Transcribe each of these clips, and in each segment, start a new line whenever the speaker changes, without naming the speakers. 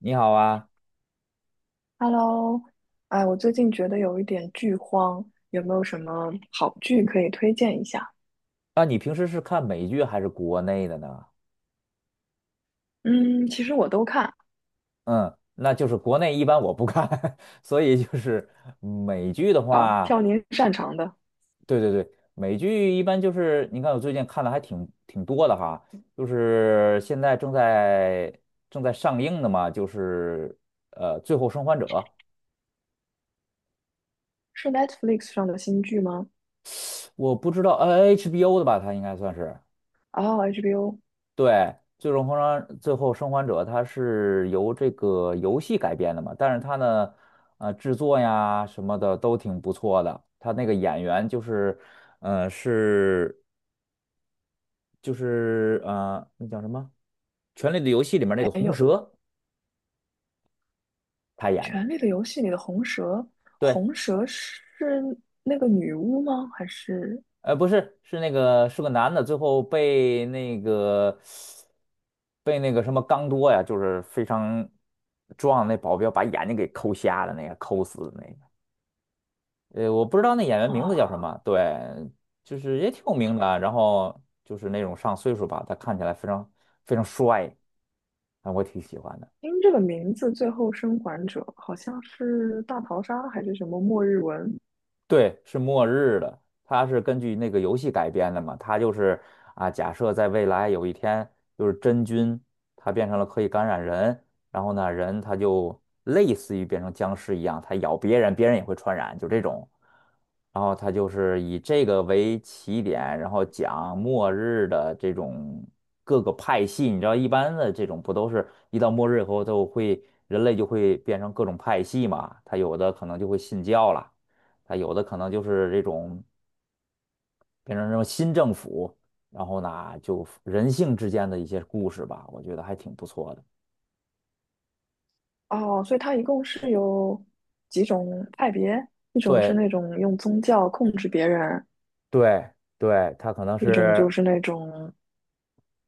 你好啊。
Hello。哎，我最近觉得有一点剧荒，有没有什么好剧可以推荐一下？
啊，你平时是看美剧还是国内的呢？
嗯，其实我都看。
嗯，那就是国内一般我不看，所以就是美剧的
好，
话，
挑您擅长的。
对对对。美剧一般就是你看我最近看的还挺多的哈，就是现在正在上映的嘛，就是《最后生还者》。
是 Netflix 上的新剧吗？
我不知道，HBO 的吧，它应该算是。
哦，HBO
对，最终封装最后生还者，它是由这个游戏改编的嘛，但是它呢，制作呀什么的都挺不错的。它那个演员就是，呃，是那叫什么，《权力的游戏》里面那
还
个红
有
蛇他演的。
《权力的游戏》里的红蛇，
对，
红蛇是那个女巫吗？还是
不是，是那个是个男的，最后被那个什么刚多呀，就是非常壮的那保镖把眼睛给抠瞎了，那个抠死的那个。我不知道那演员名字叫什
啊？
么。对，就是也挺有名的啊，然后就是那种上岁数吧，他看起来非常帅，啊，我挺喜欢的。
听这个名字，《最后生还者》好像是大逃杀还是什么末日文？
对，是末日的，它是根据那个游戏改编的嘛，它就是啊，假设在未来有一天，就是真菌它变成了可以感染人，然后呢，人他就类似于变成僵尸一样，他咬别人，别人也会传染，就这种。然后他就是以这个为起点，然后讲末日的这种各个派系。你知道，一般的这种不都是一到末日以后都会，人类就会变成各种派系嘛？他有的可能就会信教了。它有的可能就是这种变成什么新政府，然后呢，就人性之间的一些故事吧，我觉得还挺不错的。
哦，所以它一共是有几种派别，一种是
对
那种用宗教控制别人，
对对，它可能
一种就
是，
是那种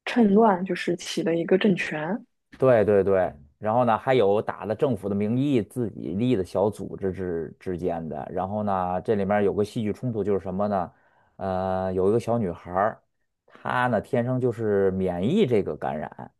趁乱，就是起了一个政权。
对对对，然后呢，还有打了政府的名义自己立的小组织之间的。然后呢，这里面有个戏剧冲突就是什么呢？有一个小女孩儿，她呢天生就是免疫这个感染。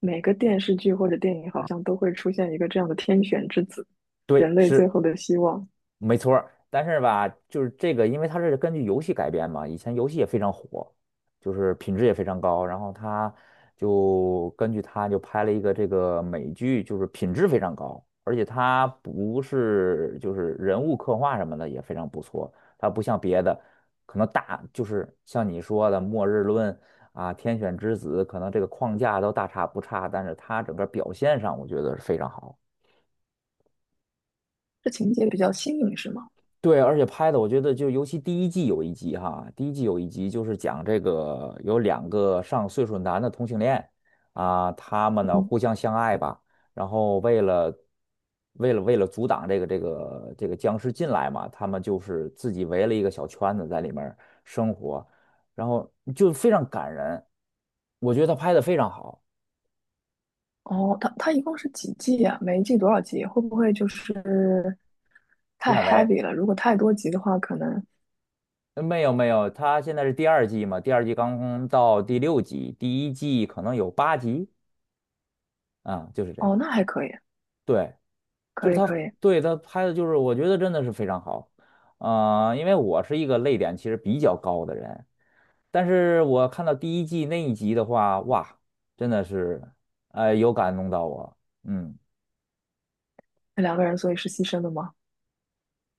每个电视剧或者电影好像都会出现一个这样的天选之子，
对，
人类最
是
后的希望。
没错儿。但是吧，就是这个，因为它是根据游戏改编嘛，以前游戏也非常火，就是品质也非常高，然后他就根据它就拍了一个这个美剧，就是品质非常高，而且它不是就是人物刻画什么的也非常不错，它不像别的，可能大就是像你说的《末日论》啊，《天选之子》，可能这个框架都大差不差，但是它整个表现上我觉得是非常好的。
这情节比较新颖，是吗？
对，而且拍的我觉得就尤其第一季有一集哈，第一季有一集就是讲这个有两个上岁数男的同性恋。啊，他们呢互相相爱吧，然后为了阻挡这个僵尸进来嘛，他们就是自己围了一个小圈子在里面儿生活，然后就非常感人，我觉得他拍的非常好。
哦，它一共是几季啊？每一季多少集？会不会就是太
烂尾。
heavy 了？如果太多集的话，可能
没有没有，他现在是第二季嘛，第二季刚到第六集，第一季可能有八集，啊，就是这样。
哦，那还可以，
对，就是
可以可
他，
以。
对，他拍的就是，我觉得真的是非常好。啊、因为我是一个泪点其实比较高的人，但是我看到第一季那一集的话，哇，真的是，有感动到我。嗯
那两个人所以是牺牲的吗？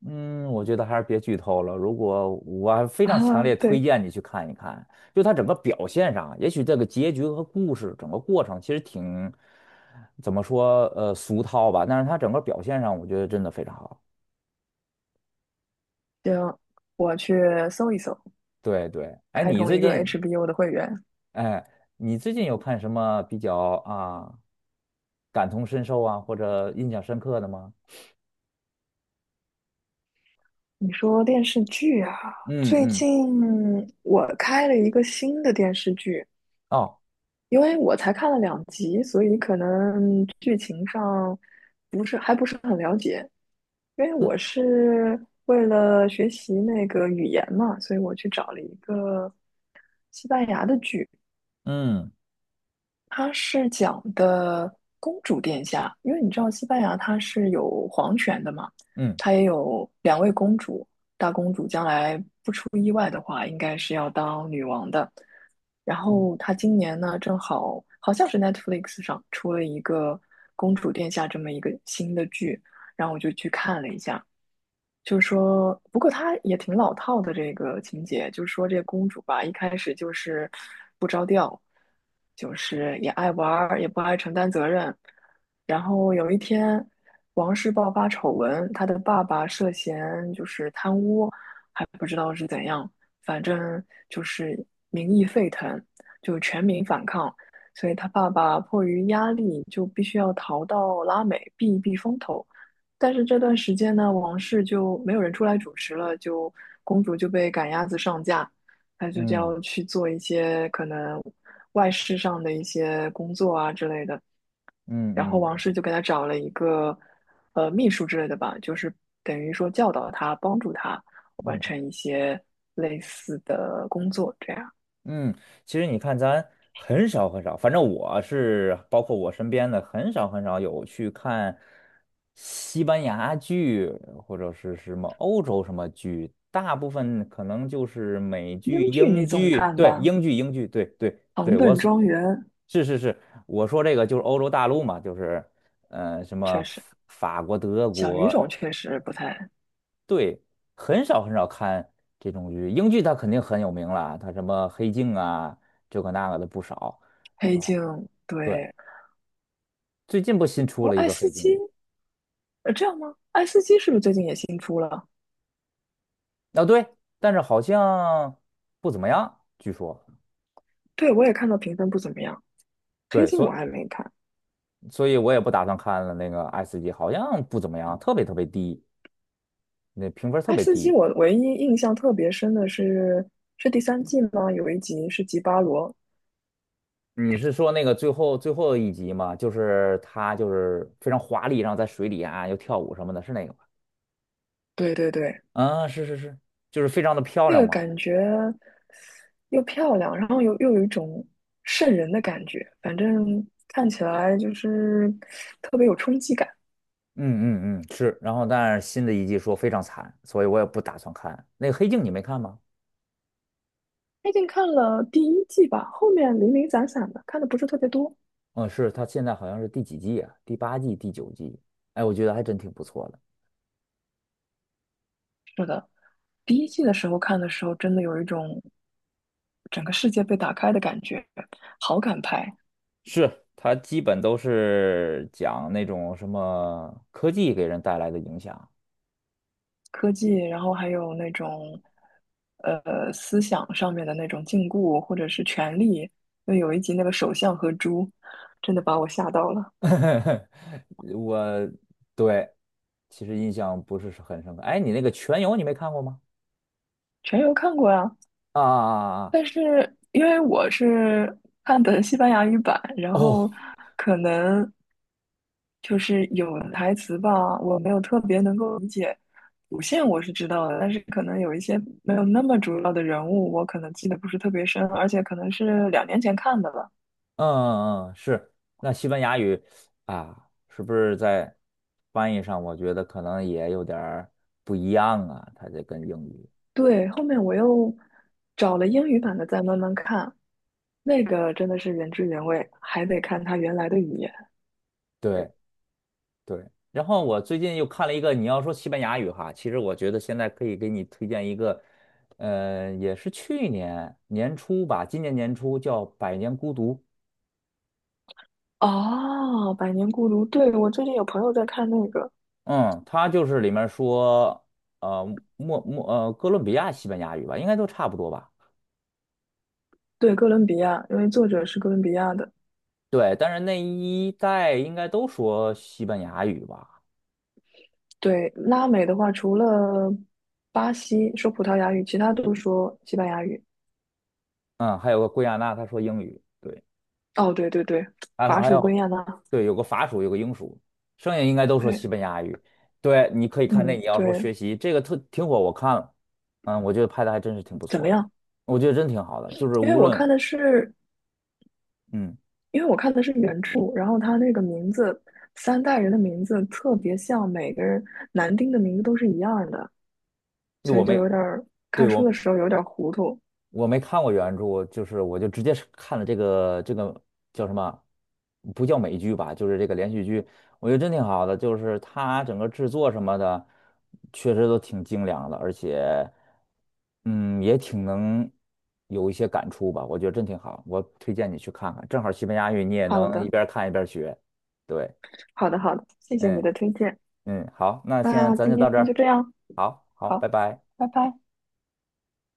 嗯，我觉得还是别剧透了。如果我还 非常
啊，
强烈推
对，
荐你去看一看，就他整个表现上，也许这个结局和故事整个过程其实挺，怎么说，俗套吧，但是他整个表现上，我觉得真的非常好。
行，我去搜一搜，
对对。哎，
开
你
通
最
一个
近，
HBO 的会员。
哎，你最近有看什么比较啊感同身受啊，或者印象深刻的吗？
你说电视剧啊，
嗯
最
嗯。
近我开了一个新的电视剧，
哦。
因为我才看了两集，所以可能剧情上不是很了解。因为我是为了学习那个语言嘛，所以我去找了一个西班牙的剧，
嗯
它是讲的公主殿下，因为你知道西班牙它是有皇权的嘛，
嗯
它也有两位公主，大公主将来不出意外的话，应该是要当女王的。然后她今年呢，正好好像是 Netflix 上出了一个公主殿下这么一个新的剧，然后我就去看了一下，就是说，不过他也挺老套的这个情节，就是说这个公主吧，一开始就是不着调，就是也爱玩儿，也不爱承担责任。然后有一天，王室爆发丑闻，她的爸爸涉嫌就是贪污，还不知道是怎样，反正就是民意沸腾，就全民反抗，所以她爸爸迫于压力，就必须要逃到拉美避一避风头。但是这段时间呢，王室就没有人出来主持了，就公主就被赶鸭子上架，她就
嗯
要去做一些可能外事上的一些工作啊之类的。
嗯
然后
嗯
王
嗯
室就给她找了一个秘书之类的吧，就是等于说教导她，帮助她完
嗯
成一些类似的工作。这样，
嗯，其实你看，咱很少，反正我是包括我身边的，很少有去看西班牙剧或者是什么欧洲什么剧，大部分可能就是美
英
剧、
剧
英
你总
剧。
看
对，
吧，
英剧，对对
《唐
对，我
顿
所
庄园》
是是是，我说这个就是欧洲大陆嘛，就是什么
确
法
实，
法国、德
小语种
国。
确实不太，
对，很少看这种剧。英剧它肯定很有名了啊，它什么《黑镜》啊，这个那个的不少
黑
啊。
镜
对，
对，
最近不新出
哦，
了一
爱
个
斯
《黑镜》
基，呃，这样吗？爱斯基是不是最近也新出了？
啊。对，但是好像不怎么样，据说。
对，我也看到评分不怎么样，黑
对，
镜我
所
还没看。
所以我也不打算看了那个 S 级，好像不怎么样，特别低，那评分特
爱
别
斯基
低。
我唯一印象特别深的是是第三季吗？有一集是吉巴罗，
你是说那个最后一集吗？就是他就是非常华丽，然后在水里啊又跳舞什么的，是那个吗？
对对对，
啊，是是是，就是非常的漂
那
亮
个
嘛。
感觉又漂亮，然后又有一种瘆人的感觉，反正看起来就是特别有冲击感。
嗯嗯嗯，是。然后，但是新的一季说非常惨，所以我也不打算看。那个《黑镜》你没看吗？
最近看了第一季吧，后面零零散散的，看的不是特别多。
嗯，是，它现在好像是第几季啊？第八季、第九季？哎，我觉得还真挺不错的。
第一季的时候看的时候，真的有一种整个世界被打开的感觉，好感派、
是，它基本都是讲那种什么科技给人带来的影响。
科技，然后还有那种思想上面的那种禁锢或者是权力。因为有一集那个首相和猪，真的把我吓到了。
我对，其实印象不是很深刻。哎，你那个《全游》你没看过吗？
全游看过呀，
啊啊啊啊！啊。
但是因为我是看的西班牙语版，然
哦。
后可能就是有的台词吧，我没有特别能够理解。主线我是知道的，但是可能有一些没有那么主要的人物，我可能记得不是特别深，而且可能是两年前看的了。
嗯嗯嗯，是。那西班牙语啊，是不是在翻译上，我觉得可能也有点儿不一样啊？它这跟英语，
对，后面我又找了英语版的再慢慢看，那个真的是原汁原味，还得看它原来的语言。
对对。然后我最近又看了一个，你要说西班牙语哈，其实我觉得现在可以给你推荐一个，也是去年年初吧，今年年初叫《百年孤独》。
哦，《百年孤独》，对，我最近有朋友在看那个。
嗯，它就是里面说，呃，莫莫呃，哥伦比亚西班牙语吧，应该都差不多吧。
对，哥伦比亚，因为作者是哥伦比亚的。
对，但是那一代应该都说西班牙语吧？
对，拉美的话，除了巴西说葡萄牙语，其他都说西班牙语。
嗯，还有个圭亚那，他说英语。对，
哦，对对对，
还有
巴
还
蜀
有。
归亚那。
对，有个法属，有个英属，剩下应该都说
对，
西班牙语。对，你可以看那，
嗯，
你要说
对，
学习这个特挺火，我看了。嗯，我觉得拍的还真是挺不
怎么
错的，
样？
我觉得真挺好的，就是
因为
无
我
论，
看的是，
嗯，
因为我看的是原著，然后他那个名字，三代人的名字特别像，每个人男丁的名字都是一样的，所
我
以就
没，
有点儿
对
看书的
我。
时候有点儿糊涂。
我没看过原著，就是我就直接是看了这个叫什么，不叫美剧吧，就是这个连续剧，我觉得真挺好的，就是它整个制作什么的，确实都挺精良的，而且，嗯，也挺能有一些感触吧，我觉得真挺好，我推荐你去看看，正好西班牙语你也
好
能一
的，
边看一边学。对。
好的，好的，谢谢你
嗯
的推荐。
嗯，好，那现在
那
咱
今
就到
天
这
就
儿。
这样，
好好，拜
好，
拜。
拜拜。